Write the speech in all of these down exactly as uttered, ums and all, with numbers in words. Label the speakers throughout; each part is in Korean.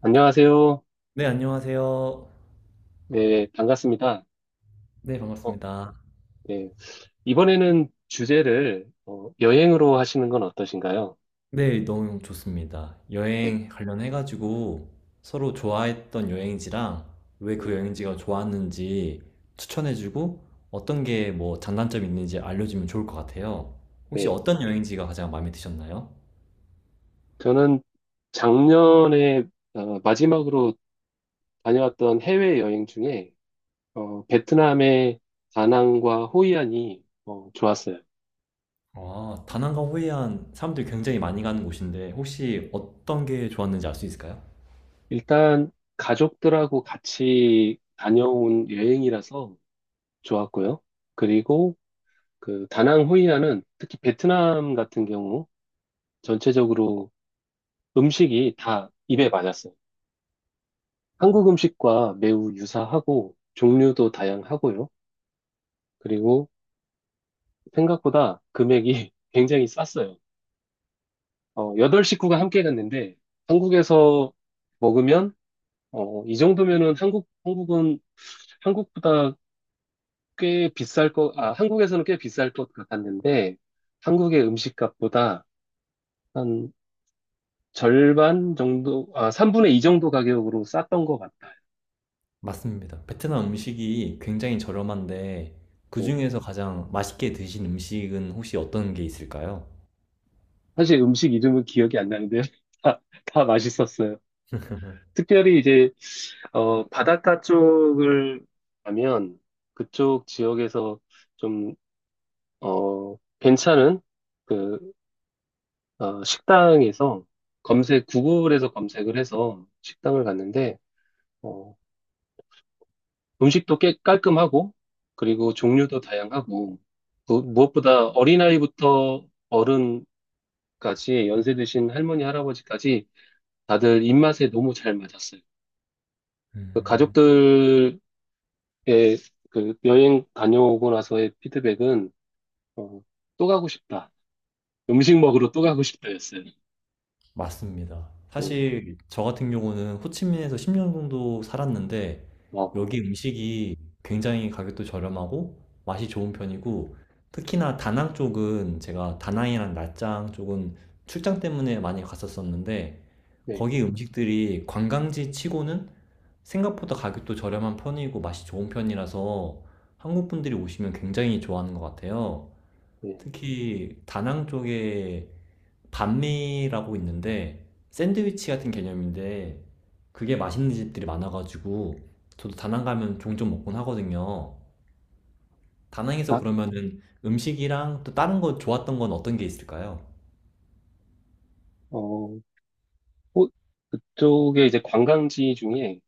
Speaker 1: 안녕하세요.
Speaker 2: 네, 안녕하세요.
Speaker 1: 네, 반갑습니다.
Speaker 2: 네,
Speaker 1: 어,
Speaker 2: 반갑습니다.
Speaker 1: 네. 이번에는 주제를 어, 여행으로 하시는 건 어떠신가요?
Speaker 2: 네, 너무 좋습니다.
Speaker 1: 네,
Speaker 2: 여행 관련해가지고 서로 좋아했던 여행지랑 왜
Speaker 1: 네.
Speaker 2: 그 여행지가 좋았는지 추천해주고 어떤 게 뭐 장단점이 있는지 알려주면 좋을 것 같아요. 혹시
Speaker 1: 네.
Speaker 2: 어떤 여행지가 가장 마음에 드셨나요?
Speaker 1: 저는 작년에 어, 마지막으로 다녀왔던 해외여행 중에 어, 베트남의 다낭과 호이안이 어, 좋았어요.
Speaker 2: 아, 다낭과 호이안 사람들이 굉장히 많이 가는 곳인데 혹시 어떤 게 좋았는지 알 수 있을까요?
Speaker 1: 일단 가족들하고 같이 다녀온 여행이라서 좋았고요. 그리고 그 다낭 호이안은 특히 베트남 같은 경우 전체적으로 음식이 다 입에 맞았어요. 한국 음식과 매우 유사하고 종류도 다양하고요. 그리고 생각보다 금액이 굉장히 쌌어요. 어, 여덟 식구가 함께 갔는데 한국에서 먹으면 어, 이 정도면은 한국, 한국은 한국보다 꽤 비쌀 것, 아, 한국에서는 꽤 비쌀 것 같았는데 한국의 음식값보다 한 절반 정도, 아, 삼분의 이 정도 가격으로 쌌던 것 같아요.
Speaker 2: 맞습니다. 베트남 음식이 굉장히 저렴한데
Speaker 1: 예.
Speaker 2: 그중에서 가장 맛있게 드신 음식은 혹시 어떤 게 있을까요?
Speaker 1: 사실 음식 이름은 기억이 안 나는데 다, 다 맛있었어요. 특별히 이제 어, 바닷가 쪽을 가면 그쪽 지역에서 좀 어, 괜찮은 그 어, 식당에서 검색 구글에서 검색을 해서 식당을 갔는데 어, 음식도 꽤 깔끔하고 그리고 종류도 다양하고 무- 무엇보다 어린아이부터 어른까지 연세 드신 할머니 할아버지까지 다들 입맛에 너무 잘 맞았어요. 그 가족들의 그 여행 다녀오고 나서의 피드백은 어, 또 가고 싶다. 음식 먹으러 또 가고 싶다였어요.
Speaker 2: 맞습니다.
Speaker 1: 네.
Speaker 2: 사실 저 같은 경우는 호치민에서 십 년 정도 살았는데
Speaker 1: 어,
Speaker 2: 여기
Speaker 1: 어.
Speaker 2: 음식이 굉장히 가격도 저렴하고 맛이 좋은 편이고, 특히나 다낭 쪽은, 제가 다낭이랑 나짱 쪽은 출장 때문에 많이 갔었었는데
Speaker 1: 네.
Speaker 2: 거기 음식들이 관광지 치고는 생각보다 가격도 저렴한 편이고 맛이 좋은 편이라서 한국 분들이 오시면 굉장히 좋아하는 것 같아요.
Speaker 1: 네.
Speaker 2: 특히 다낭 쪽에 반미라고 있는데, 샌드위치 같은 개념인데 그게 맛있는 집들이 많아가지고 저도 다낭 가면 종종 먹곤 하거든요. 다낭에서
Speaker 1: 아,
Speaker 2: 그러면은 음식이랑 또 다른 거 좋았던 건 어떤 게 있을까요?
Speaker 1: 어, 호- 그쪽에 이제 관광지 중에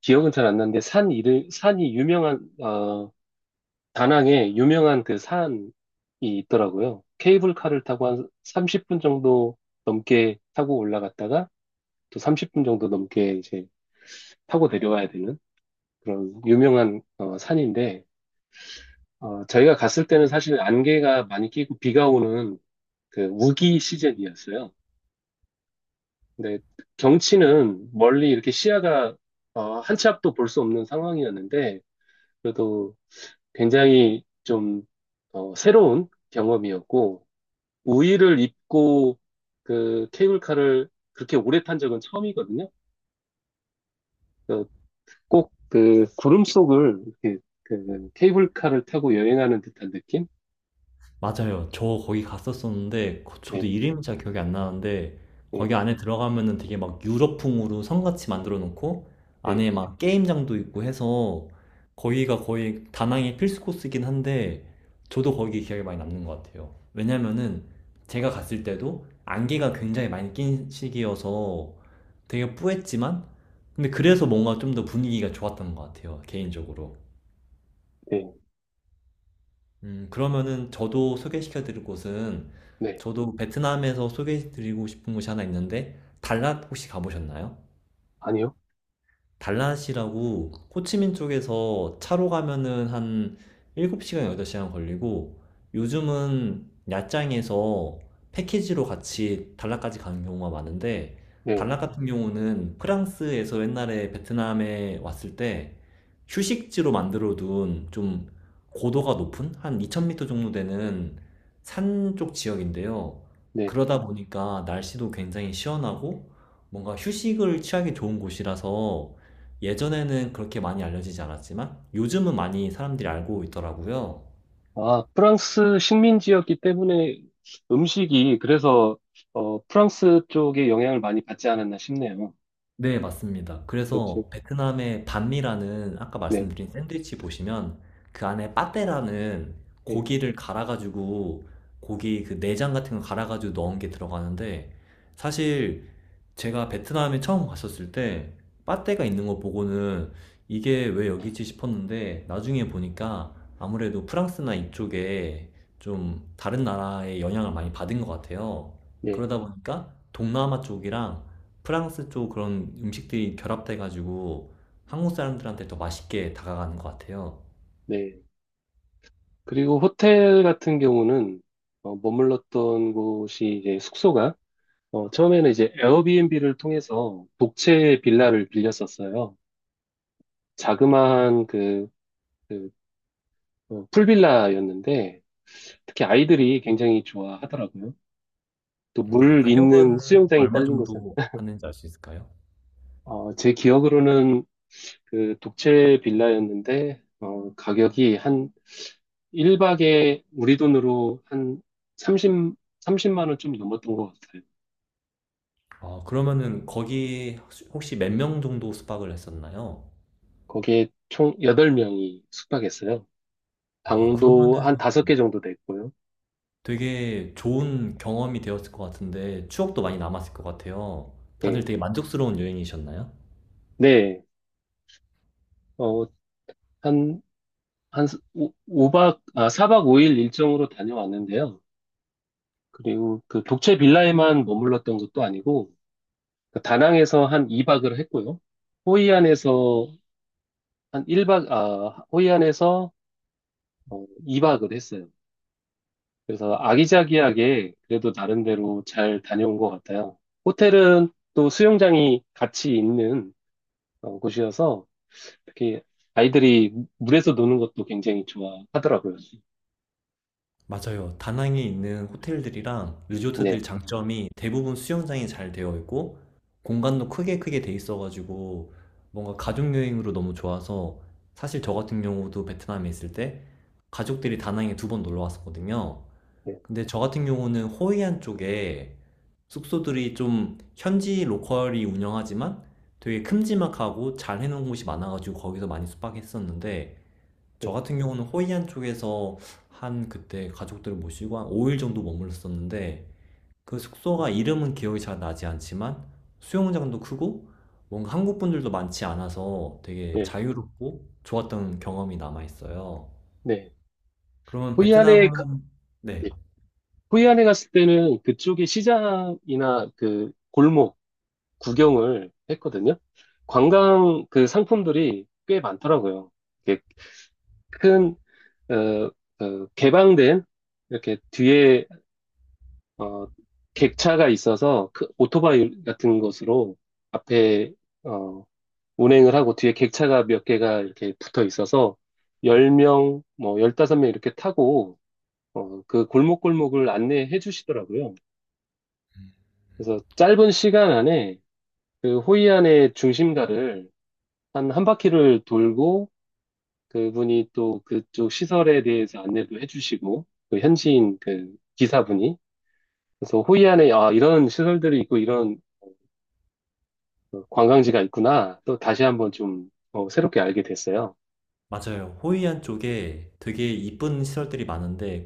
Speaker 1: 기억은 잘 안 나는데 산 이름 산이 유명한 어, 다낭에 유명한 그 산이 있더라고요. 케이블카를 타고 한 삼십 분 정도 넘게 타고 올라갔다가 또 삼십 분 정도 넘게 이제 타고 내려와야 되는 그런 유명한 어, 산인데 어, 저희가 갔을 때는 사실 안개가 많이 끼고 비가 오는 그 우기 시즌이었어요. 근데 경치는 멀리 이렇게 시야가 어, 한 치 앞도 볼 수 없는 상황이었는데 그래도 굉장히 좀 어, 새로운 경험이었고 우의를 입고 그 케이블카를 그렇게 오래 탄 적은 처음이거든요. 꼭 그 구름 속을 이렇게 그 케이블카를 타고 여행하는 듯한 느낌?
Speaker 2: 맞아요. 저 거기 갔었었는데 거- 저도
Speaker 1: 네.
Speaker 2: 이름이 잘 기억이 안 나는데, 거기
Speaker 1: 네.
Speaker 2: 안에 들어가면은 되게 막 유럽풍으로 성같이 만들어 놓고
Speaker 1: 네,
Speaker 2: 안에 막 게임장도 있고 해서 거기가 거의 다낭의 필수 코스긴 한데, 저도 거기 기억이 많이 남는 것 같아요. 왜냐면은 제가 갔을 때도 안개가 굉장히 많이 낀 시기여서 되게 뿌했지만, 근데 그래서 뭔가 좀 더 분위기가 좋았던 것 같아요, 개인적으로.
Speaker 1: 네,
Speaker 2: 음, 그러면은 저도 소개시켜 드릴 곳은,
Speaker 1: 네.
Speaker 2: 저도 베트남에서 소개해 드리고 싶은 곳이 하나 있는데 달랏 혹시 가보셨나요?
Speaker 1: 아니요?
Speaker 2: 달랏이라고 호치민 쪽에서 차로 가면은 한 일곱 시간, 여덟 시간 걸리고, 요즘은 야짱에서 패키지로 같이 달랏까지 가는 경우가 많은데,
Speaker 1: 네,
Speaker 2: 달랏 같은 경우는 프랑스에서 옛날에 베트남에 왔을 때 휴식지로 만들어 둔, 좀 고도가 높은 한 이천 미터 정도 되는 산 쪽 지역인데요.
Speaker 1: 네.
Speaker 2: 그러다 보니까 날씨도 굉장히 시원하고 뭔가 휴식을 취하기 좋은 곳이라서, 예전에는 그렇게 많이 알려지지 않았지만 요즘은 많이 사람들이 알고 있더라고요.
Speaker 1: 아, 프랑스 식민지였기 때문에 음식이 그래서 어, 프랑스 쪽에 영향을 많이 받지 않았나 싶네요.
Speaker 2: 네, 맞습니다.
Speaker 1: 그렇죠.
Speaker 2: 그래서 베트남의 반미라는, 아까
Speaker 1: 네,
Speaker 2: 말씀드린 샌드위치 보시면 그 안에 빠떼라는
Speaker 1: 네,
Speaker 2: 고기를 갈아가지고, 고기 그 내장 같은 거 갈아가지고 넣은 게 들어가는데, 사실 제가 베트남에 처음 갔었을 때 빠떼가 있는 거 보고는 이게 왜 여기지 싶었는데, 나중에 보니까 아무래도 프랑스나 이쪽에 좀 다른 나라의 영향을 많이 받은 것 같아요.
Speaker 1: 네,
Speaker 2: 그러다 보니까 동남아 쪽이랑 프랑스 쪽 그런 음식들이 결합돼가지고 한국 사람들한테 더 맛있게 다가가는 것 같아요.
Speaker 1: 네. 그리고 호텔 같은 경우는 어, 머물렀던 곳이 이제 숙소가 어, 처음에는 이제 에어비앤비를 통해서 독채 빌라를 빌렸었어요. 자그마한 그, 그 어, 풀빌라였는데 특히 아이들이 굉장히 좋아하더라고요. 또
Speaker 2: 어,
Speaker 1: 물
Speaker 2: 가격은
Speaker 1: 있는 수영장이
Speaker 2: 얼마
Speaker 1: 딸린 곳은
Speaker 2: 정도 하는지 알 수 있을까요?
Speaker 1: 어, 제 기억으로는 그 독채 빌라였는데 어, 가격이 한 일 박에 우리 돈으로 한 삼십 삼십만 원 좀 넘었던 것 같아요.
Speaker 2: 아, 그러면은 거기 혹시 몇 명 정도 숙박을 했었나요?
Speaker 1: 거기에 총 여덟 명이 숙박했어요.
Speaker 2: 아,
Speaker 1: 방도
Speaker 2: 그러면은
Speaker 1: 한 다섯 개 정도 됐고요.
Speaker 2: 되게 좋은 경험이 되었을 것 같은데 추억도 많이 남았을 것 같아요. 다들
Speaker 1: 네.
Speaker 2: 되게 만족스러운 여행이셨나요?
Speaker 1: 네. 어, 한, 한 오 박 아, 사 박 오 일 일정으로 다녀왔는데요. 그리고 그 독채 빌라에만 머물렀던 것도 아니고 그 다낭에서 한 이 박을 했고요. 호이안에서 한 일 박, 아, 호이안에서 어, 이 박을 했어요. 그래서 아기자기하게 그래도 나름대로 잘 다녀온 것 같아요. 호텔은 또 수영장이 같이 있는 어, 곳이어서 특히 아이들이 물에서 노는 것도 굉장히 좋아하더라고요.
Speaker 2: 맞아요. 다낭에 있는 호텔들이랑 리조트들
Speaker 1: 네,
Speaker 2: 장점이 대부분 수영장이 잘 되어 있고, 공간도 크게 크게 돼 있어가지고 뭔가 가족 여행으로 너무 좋아서, 사실 저 같은 경우도 베트남에 있을 때 가족들이 다낭에 두 번 놀러 왔었거든요.
Speaker 1: 네,
Speaker 2: 근데 저 같은 경우는 호이안 쪽에 숙소들이, 좀 현지 로컬이 운영하지만 되게 큼지막하고 잘 해놓은 곳이 많아가지고 거기서 많이 숙박했었는데, 저
Speaker 1: 네,
Speaker 2: 같은 경우는 호이안 쪽에서 한 그때 가족들을 모시고 한 오 일 정도 머물렀었는데, 그 숙소가 이름은 기억이 잘 나지 않지만 수영장도 크고 뭔가 한국 분들도 많지 않아서 되게
Speaker 1: 네,
Speaker 2: 자유롭고 좋았던 경험이 남아있어요.
Speaker 1: 네.
Speaker 2: 그러면
Speaker 1: 호이안에, 가-
Speaker 2: 베트남은.
Speaker 1: 네.
Speaker 2: 네.
Speaker 1: 호이안에 갔을 때는 그쪽에 시장이나 그 골목, 구경을 했거든요. 관광 그 상품들이 꽤 많더라고요. 이렇게 큰, 어, 그 개방된 이렇게 뒤에 어, 객차가 있어서 그 오토바이 같은 것으로 앞에 어, 운행을 하고 뒤에 객차가 몇 개가 이렇게 붙어 있어서 열 명, 뭐 열다섯 명 이렇게 타고 어, 그 골목골목을 안내해 주시더라고요. 그래서 짧은 시간 안에 그 호이안의 중심가를 한 한 바퀴를 돌고 그분이 또 그쪽 시설에 대해서 안내도 해주시고 그 현지인 그 기사분이 그래서 호이안에 아 이런 시설들이 있고 이런 어, 관광지가 있구나 또 다시 한번 좀 어, 새롭게 알게 됐어요.
Speaker 2: 맞아요. 호이안 쪽에 되게 이쁜 시설들이 많은데,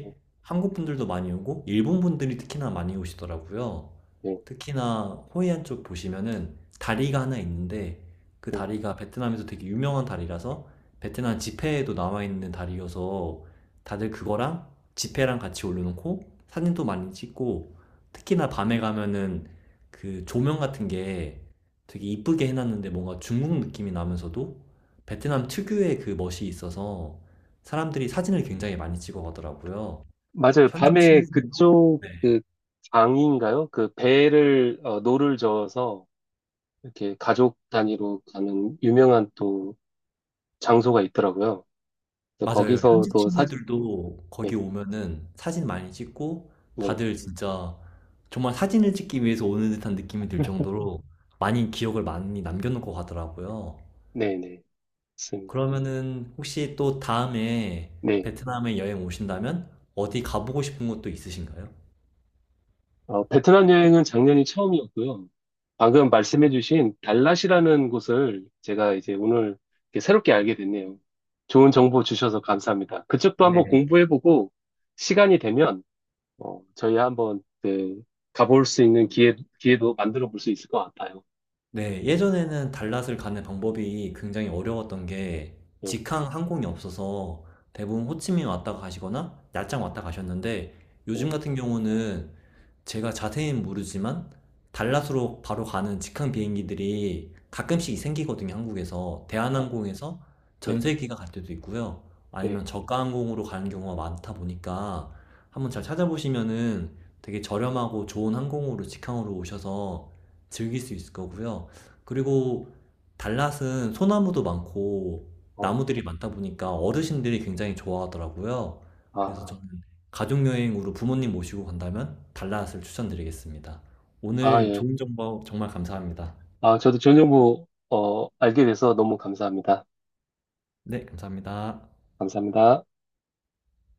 Speaker 1: 네,
Speaker 2: 한국 분들도 많이 오고 일본 분들이 특히나 많이 오시더라고요.
Speaker 1: 네.
Speaker 2: 특히나 호이안 쪽 보시면은 다리가 하나 있는데, 그
Speaker 1: 네.
Speaker 2: 다리가 베트남에서 되게 유명한 다리라서, 베트남 지폐에도 나와 있는 다리여서 다들 그거랑 지폐랑 같이 올려놓고 사진도 많이 찍고, 특히나 밤에 가면은 그 조명 같은 게 되게 이쁘게 해놨는데, 뭔가 중국 느낌이 나면서도 베트남 특유의 그 멋이 있어서 사람들이 사진을 굉장히 많이 찍어 가더라고요.
Speaker 1: 맞아요.
Speaker 2: 현지
Speaker 1: 밤에
Speaker 2: 친구들도.
Speaker 1: 그쪽
Speaker 2: 네.
Speaker 1: 그 강인가요? 그 배를 어, 노를 저어서 이렇게 가족 단위로 가는 유명한 또 장소가 있더라고요. 그래서
Speaker 2: 맞아요. 현지
Speaker 1: 거기서도 사진
Speaker 2: 친구들도 거기
Speaker 1: 네,
Speaker 2: 오면은 사진 많이 찍고,
Speaker 1: 네,
Speaker 2: 다들 진짜 정말 사진을 찍기 위해서 오는 듯한 느낌이 들 정도로 많이 기억을 많이 남겨 놓고 가더라고요.
Speaker 1: 네, 네, 있습니다.
Speaker 2: 그러면은 혹시 또 다음에
Speaker 1: 네.
Speaker 2: 베트남에 여행 오신다면 어디 가보고 싶은 곳도 있으신가요?
Speaker 1: 어, 베트남 여행은 작년이 처음이었고요. 방금 말씀해주신 달랏이라는 곳을 제가 이제 오늘 이렇게 새롭게 알게 됐네요. 좋은 정보 주셔서 감사합니다. 그쪽도 한번
Speaker 2: 네.
Speaker 1: 공부해보고 시간이 되면 어, 저희 한번 그 가볼 수 있는 기회, 기회도 만들어 볼 수 있을 것 같아요.
Speaker 2: 네, 예전에는 달랏을 가는 방법이 굉장히 어려웠던 게
Speaker 1: 예,
Speaker 2: 직항 항공이 없어서 대부분 호치민 왔다 가시거나 야짱 왔다 가셨는데,
Speaker 1: 예,
Speaker 2: 요즘 같은 경우는 제가 자세히는 모르지만 달랏으로 바로 가는 직항 비행기들이 가끔씩 생기거든요, 한국에서.
Speaker 1: 아,
Speaker 2: 대한항공에서
Speaker 1: 네,
Speaker 2: 전세기가 갈 때도 있고요. 아니면
Speaker 1: 예,
Speaker 2: 저가 항공으로 가는 경우가 많다 보니까 한번 잘 찾아보시면은 되게 저렴하고 좋은 항공으로 직항으로 오셔서 즐길 수 있을 거고요. 그리고 달랏은 소나무도 많고
Speaker 1: 어,
Speaker 2: 나무들이 많다 보니까 어르신들이 굉장히 좋아하더라고요. 그래서
Speaker 1: 아,
Speaker 2: 저는 가족여행으로 부모님 모시고 간다면 달랏을 추천드리겠습니다.
Speaker 1: 아,
Speaker 2: 오늘
Speaker 1: 예.
Speaker 2: 좋은 정보 정말 감사합니다.
Speaker 1: 아, 저도 좋은 정보 어, 알게 돼서 너무 감사합니다.
Speaker 2: 네, 감사합니다.
Speaker 1: 감사합니다.